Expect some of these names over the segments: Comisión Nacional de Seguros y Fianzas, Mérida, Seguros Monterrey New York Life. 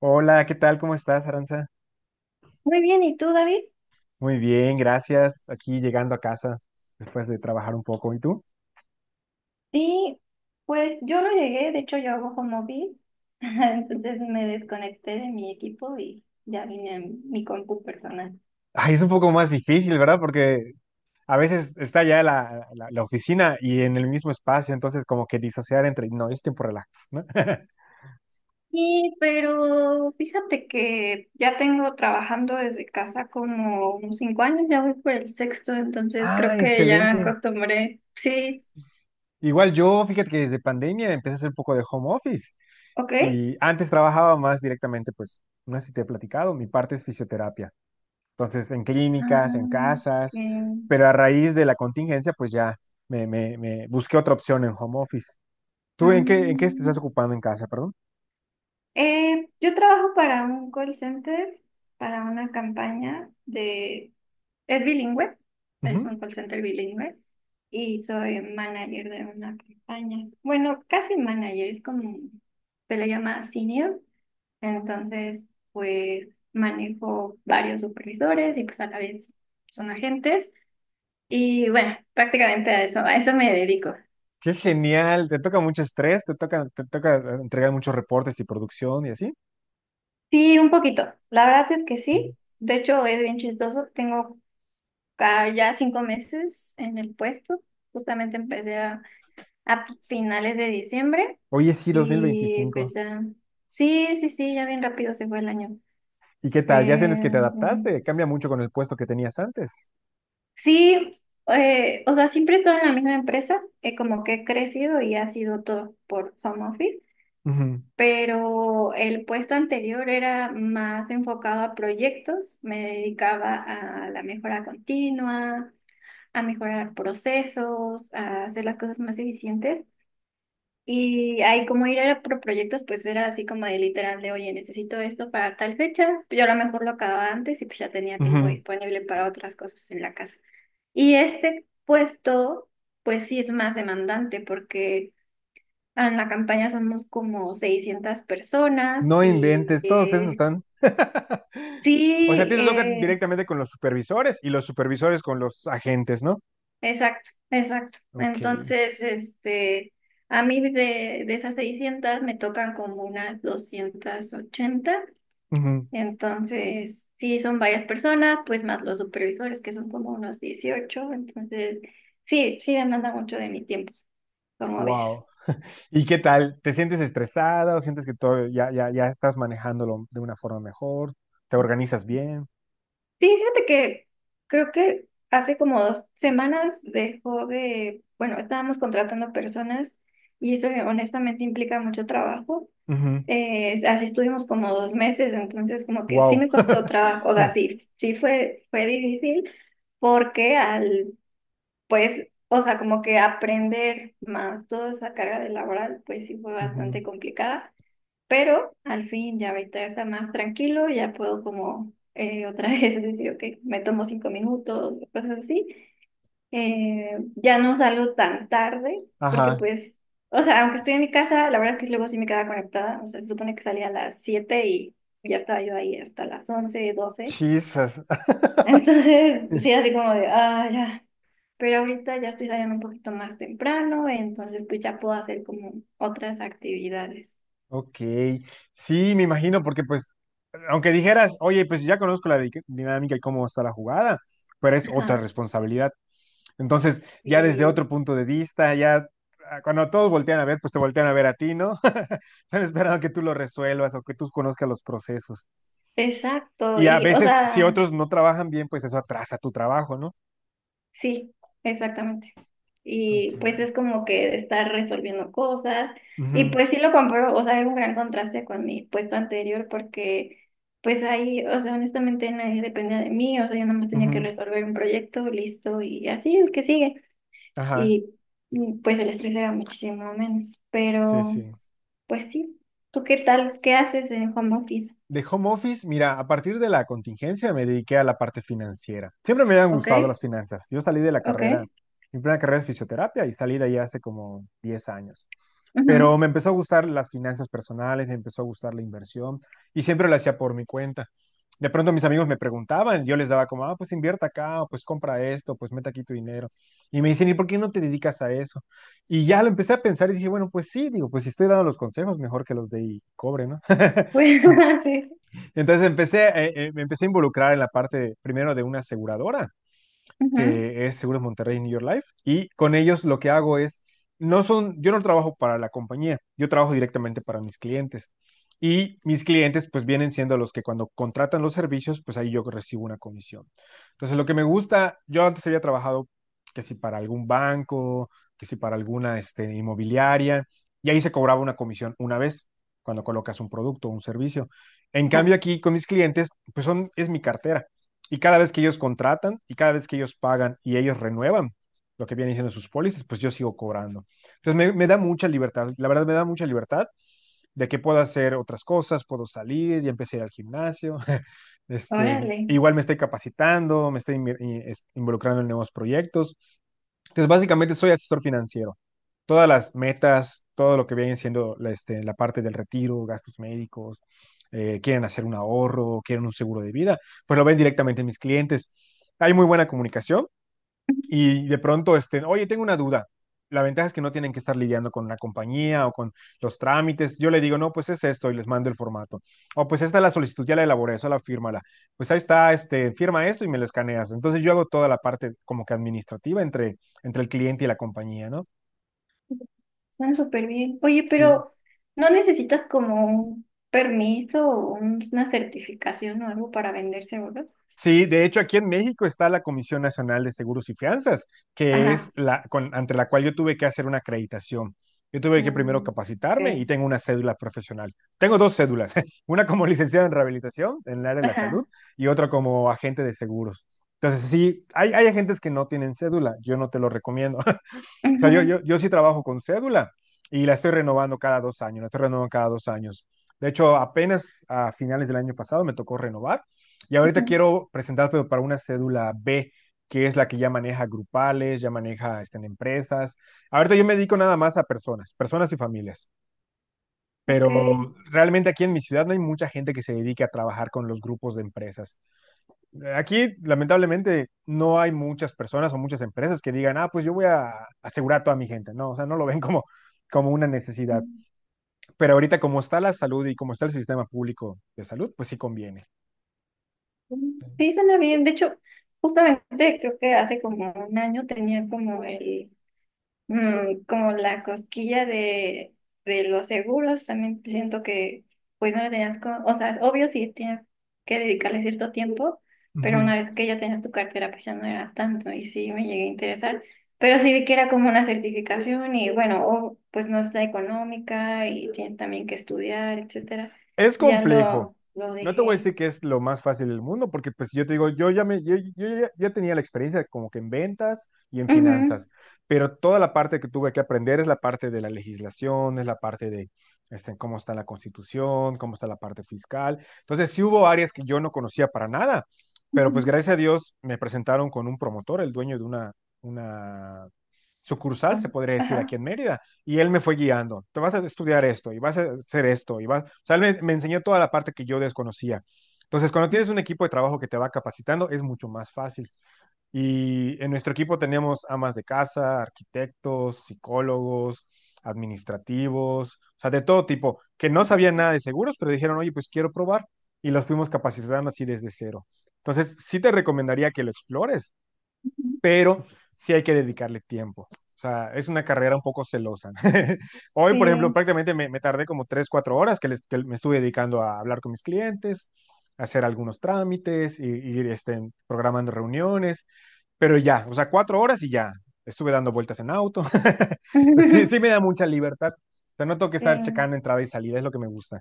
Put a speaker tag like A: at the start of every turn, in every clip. A: Hola, ¿qué tal? ¿Cómo estás, Aranza?
B: Muy bien, ¿y tú, David?
A: Muy bien, gracias. Aquí llegando a casa después de trabajar un poco. ¿Y tú?
B: Sí, pues yo no llegué, de hecho yo hago home office, entonces me desconecté de mi equipo y ya vine a mi compu personal.
A: Ay, es un poco más difícil, ¿verdad? Porque a veces está ya la oficina y en el mismo espacio, entonces como que disociar entre, no, es tiempo relax, ¿no?
B: Sí, pero fíjate que ya tengo trabajando desde casa como unos 5 años, ya voy por el sexto, entonces creo
A: Ah,
B: que ya me
A: excelente.
B: acostumbré. Sí,
A: Igual yo, fíjate que desde pandemia empecé a hacer un poco de home office
B: ok.
A: y antes trabajaba más directamente, pues, no sé si te he platicado, mi parte es fisioterapia. Entonces, en clínicas, en
B: Ah, ok.
A: casas, pero a raíz de la contingencia, pues ya me busqué otra opción en home office. ¿Tú en qué te estás
B: Mm.
A: ocupando en casa, perdón?
B: Yo trabajo para un call center, para una campaña de... Es bilingüe, es
A: Ujú.
B: un call center bilingüe y soy manager de una campaña. Bueno, casi manager, es como se le llama senior. Entonces, pues manejo varios supervisores y pues a la vez son agentes. Y bueno, prácticamente a eso me dedico.
A: Qué genial, te toca mucho estrés, te toca entregar muchos reportes y producción y así.
B: Sí, un poquito. La verdad es que
A: Ujú.
B: sí. De hecho, es bien chistoso. Tengo ya 5 meses en el puesto. Justamente empecé a finales de diciembre.
A: Oye, sí, dos mil
B: Y
A: veinticinco.
B: pues ya. Sí, sí, sí, ya bien rápido se fue el año.
A: ¿Y qué
B: Pues
A: tal? ¿Ya sientes que te
B: mm,
A: adaptaste? Cambia mucho con el puesto que tenías antes.
B: sí, o sea, siempre he estado en la misma empresa, como que he crecido y ha sido todo por home office,
A: Ujú,
B: pero el puesto anterior era más enfocado a proyectos, me dedicaba a la mejora continua, a mejorar procesos, a hacer las cosas más eficientes. Y ahí como ir era por proyectos, pues era así como de literal de, oye, necesito esto para tal fecha. Yo a lo mejor lo acababa antes y pues ya tenía tiempo
A: ujú.
B: disponible para otras cosas en la casa. Y este puesto, pues sí es más demandante porque en la campaña somos como 600 personas
A: No inventes, todos esos están. O sea, a
B: sí,
A: ti te toca
B: eh,
A: directamente con los supervisores y los supervisores con los agentes, ¿no?
B: exacto, exacto.
A: Ok.
B: Entonces, este, a mí de esas 600 me tocan como unas 280.
A: Ujú.
B: Entonces, sí, son varias personas, pues más los supervisores, que son como unos 18. Entonces, sí, sí demanda mucho de mi tiempo, como ves.
A: Wow. ¿Y qué tal? ¿Te sientes estresada o sientes que todo ya estás manejándolo de una forma mejor? ¿Te organizas bien?
B: Sí, fíjate que creo que hace como 2 semanas dejó de, bueno, estábamos contratando personas y eso honestamente implica mucho trabajo.
A: Ujú.
B: Así estuvimos como 2 meses, entonces como que sí
A: Wow.
B: me costó trabajo, o sea, sí, sí fue difícil porque al pues, o sea, como que aprender más toda esa carga de laboral, pues sí fue
A: Ujú.
B: bastante complicada, pero al fin ya ahorita ya está más tranquilo, ya puedo como otra vez decir, ok, me tomo 5 minutos, cosas así. Ya no salgo tan tarde, porque
A: Ajá.
B: pues, o sea, aunque estoy en mi casa, la verdad es que luego sí me quedaba conectada, o sea, se supone que salía a las 7 y ya estaba yo ahí hasta las 11 doce.
A: Chisas.
B: Entonces, sí, así como de, ah, ya. Pero ahorita ya estoy saliendo un poquito más temprano, entonces pues ya puedo hacer como otras actividades.
A: Ok, sí, me imagino, porque pues aunque dijeras, oye, pues ya conozco la dinámica y cómo está la jugada, pero es otra
B: Ajá.
A: responsabilidad. Entonces, ya desde
B: Sí,
A: otro punto de vista, ya ah, cuando todos voltean a ver, pues te voltean a ver a ti, ¿no? Están esperando que tú lo resuelvas o que tú conozcas los procesos.
B: exacto.
A: Y a
B: Y, o
A: veces, si
B: sea,
A: otros no trabajan bien, pues eso atrasa tu trabajo, ¿no?
B: sí, exactamente.
A: Ok.
B: Y pues es como que estar resolviendo cosas. Y
A: Ujú,
B: pues sí lo compro, o sea, hay un gran contraste con mi puesto anterior porque pues ahí, o sea, honestamente nadie dependía de mí, o sea, yo nada más tenía que
A: ujú,
B: resolver un proyecto, listo, y así el que sigue.
A: ajá,
B: y y, pues el estrés era muchísimo menos.
A: sí,
B: Pero
A: sí.
B: pues sí, ¿tú qué tal? ¿Qué haces en home office?
A: De home office, mira, a partir de la contingencia me dediqué a la parte financiera. Siempre me habían
B: ¿Ok?
A: gustado las finanzas. Yo salí de la
B: Ok,
A: carrera, mi primera carrera es fisioterapia y salí de ahí hace como 10 años.
B: ujú.
A: Pero me empezó a gustar las finanzas personales, me empezó a gustar la inversión y siempre lo hacía por mi cuenta. De pronto mis amigos me preguntaban, yo les daba como, ah, pues invierta acá, o pues compra esto, pues mete aquí tu dinero. Y me dicen, ¿y por qué no te dedicas a eso? Y ya lo empecé a pensar y dije, bueno, pues sí, digo, pues si estoy dando los consejos, mejor que los de y cobre, ¿no?
B: Pues sí,
A: Entonces empecé, me empecé a involucrar en la parte primero de una aseguradora
B: ujú.
A: que es Seguros Monterrey New York Life, y con ellos lo que hago es, no son, yo no trabajo para la compañía, yo trabajo directamente para mis clientes. Y mis clientes pues vienen siendo los que cuando contratan los servicios, pues ahí yo recibo una comisión. Entonces lo que me gusta, yo antes había trabajado que si para algún banco, que si para alguna este, inmobiliaria, y ahí se cobraba una comisión una vez cuando colocas un producto o un servicio. En
B: Ajá,
A: cambio aquí con mis clientes, pues son, es mi cartera. Y cada vez que ellos contratan y cada vez que ellos pagan y ellos renuevan lo que vienen diciendo sus pólizas, pues yo sigo cobrando. Entonces me da mucha libertad, la verdad me da mucha libertad de que puedo hacer otras cosas, puedo salir, ya empecé a ir al gimnasio. Este,
B: órale,
A: igual me estoy capacitando, me estoy involucrando en nuevos proyectos. Entonces, básicamente soy asesor financiero, todas las metas, todo lo que viene siendo la, este, la parte del retiro, gastos médicos, quieren hacer un ahorro, quieren un seguro de vida, pues lo ven directamente en mis clientes. Hay muy buena comunicación y de pronto, este, oye, tengo una duda. La ventaja es que no tienen que estar lidiando con la compañía o con los trámites. Yo le digo, no, pues es esto y les mando el formato. O pues esta es la solicitud, ya la elaboré, eso la fírmala. Pues ahí está, este, firma esto y me lo escaneas. Entonces yo hago toda la parte como que administrativa entre el cliente y la compañía, ¿no?
B: ujú. Están súper bien. Oye,
A: Sí.
B: pero ¿no necesitas como un permiso o una certificación o algo para vender seguros?
A: Sí, de hecho aquí en México está la Comisión Nacional de Seguros y Fianzas, que es
B: Ajá,
A: la ante la cual yo tuve que hacer una acreditación. Yo tuve que primero
B: mm,
A: capacitarme y
B: ok,
A: tengo una cédula profesional. Tengo dos cédulas, una como licenciado en rehabilitación en el área de la salud
B: ajá,
A: y otra como agente de seguros. Entonces, sí, hay agentes que no tienen cédula, yo no te lo recomiendo. O sea, yo,
B: ujú,
A: yo, yo sí trabajo con cédula y la estoy renovando cada 2 años, la estoy renovando cada dos años. De hecho, apenas a finales del año pasado me tocó renovar y ahorita
B: ujú,
A: quiero presentar, pero para una cédula B, que es la que ya maneja grupales, ya maneja este, en empresas. Ahorita yo me dedico nada más a personas, personas y familias, pero
B: ok.
A: realmente aquí en mi ciudad no hay mucha gente que se dedique a trabajar con los grupos de empresas. Aquí, lamentablemente, no hay muchas personas o muchas empresas que digan, ah, pues yo voy a asegurar a toda mi gente, ¿no? O sea, no lo ven como, como una necesidad. Pero ahorita, como está la salud y como está el sistema público de salud, pues sí conviene.
B: Sí, suena bien. De hecho, justamente creo que hace como un año tenía como la cosquilla de, los seguros. También siento que, pues no le tenías, o sea, obvio sí tienes que dedicarle cierto tiempo, pero
A: Ujú.
B: una vez que ya tenías tu cartera, pues ya no era tanto. Y sí me llegué a interesar, pero sí vi que era como una certificación y bueno, o, pues no está económica y tienes también que estudiar, etcétera.
A: Es
B: Y ya
A: complejo.
B: lo
A: No te voy a
B: dejé.
A: decir que es lo más fácil del mundo, porque pues yo te digo, yo ya me, yo ya, ya tenía la experiencia como que en ventas y en
B: Ujú.
A: finanzas, pero toda la parte que tuve que aprender es la parte de la legislación, es la parte de este, cómo está la constitución, cómo está la parte fiscal. Entonces sí hubo áreas que yo no conocía para nada, pero pues gracias a Dios me presentaron con un promotor, el dueño de una sucursal,
B: Ah,
A: se podría decir, aquí
B: ajá.
A: en Mérida. Y él me fue guiando, te vas a estudiar esto y vas a hacer esto. Y vas... O sea, me enseñó toda la parte que yo desconocía. Entonces, cuando tienes un equipo de trabajo que te va capacitando, es mucho más fácil. Y en nuestro equipo tenemos amas de casa, arquitectos, psicólogos, administrativos, o sea, de todo tipo, que no sabían nada de seguros, pero dijeron, oye, pues quiero probar. Y los fuimos capacitando así desde cero. Entonces, sí te recomendaría que lo explores, pero sí hay que dedicarle tiempo. O sea, es una carrera un poco celosa. Hoy, por ejemplo,
B: Sí.
A: prácticamente me tardé como tres, cuatro horas que, les, que me estuve dedicando a hablar con mis clientes, a hacer algunos trámites, y este, programando reuniones, pero ya, o sea, 4 horas y ya. Estuve dando vueltas en auto. Pues sí, sí me da mucha libertad. O sea, no tengo que
B: Sí.
A: estar checando entrada y salida, es lo que me gusta.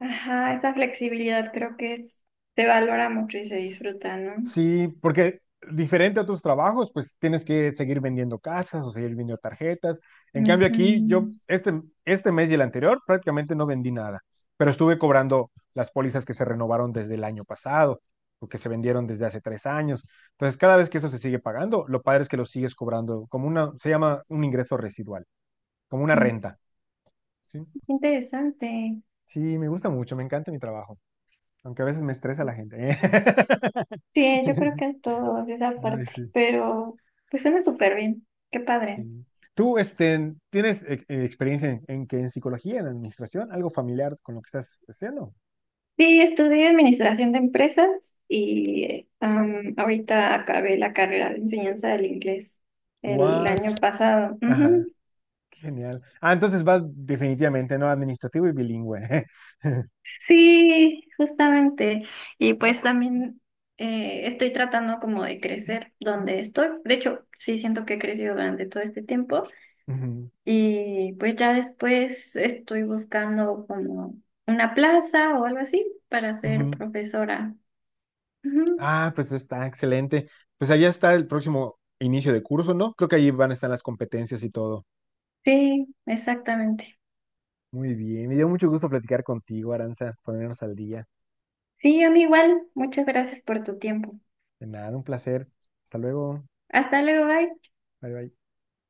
B: Ajá, esa flexibilidad creo que se valora mucho y se disfruta, ¿no?
A: Sí, porque diferente a tus trabajos, pues tienes que seguir vendiendo casas o seguir vendiendo tarjetas. En cambio
B: Ujú.
A: aquí, yo este, este mes y el anterior prácticamente no vendí nada, pero estuve cobrando las pólizas que se renovaron desde el año pasado o que se vendieron desde hace 3 años. Entonces, cada vez que eso se sigue pagando, lo padre es que lo sigues cobrando como una, se llama un ingreso residual, como una renta. Sí,
B: Interesante.
A: sí, me gusta mucho, me encanta mi trabajo, aunque a veces me estresa la gente.
B: Sí, yo creo que es todo de esa
A: Ay,
B: parte,
A: sí.
B: pero pues suena súper bien. Qué padre.
A: Sí. ¿Tú este, tienes experiencia en que en psicología, en administración, algo familiar con lo que estás haciendo?
B: Sí, estudié administración de empresas y ahorita acabé la carrera de enseñanza del inglés el
A: What?
B: año pasado.
A: Ajá,
B: Ujú.
A: qué genial. Ah, entonces vas definitivamente, ¿no? Administrativo y bilingüe.
B: Sí, justamente. Y pues también estoy tratando como de crecer donde estoy. De hecho, sí siento que he crecido durante todo este tiempo.
A: Ujú,
B: Y pues ya después estoy buscando como una plaza o algo así para ser
A: ujú.
B: profesora. Ujú,
A: Ah, pues está excelente. Pues allá está el próximo inicio de curso, ¿no? Creo que allí van a estar las competencias y todo.
B: sí, exactamente.
A: Muy bien, me dio mucho gusto platicar contigo, Aranza, ponernos al día.
B: Sí, a mí igual. Muchas gracias por tu tiempo.
A: De nada, un placer. Hasta luego.
B: Hasta luego, bye.
A: Bye, bye.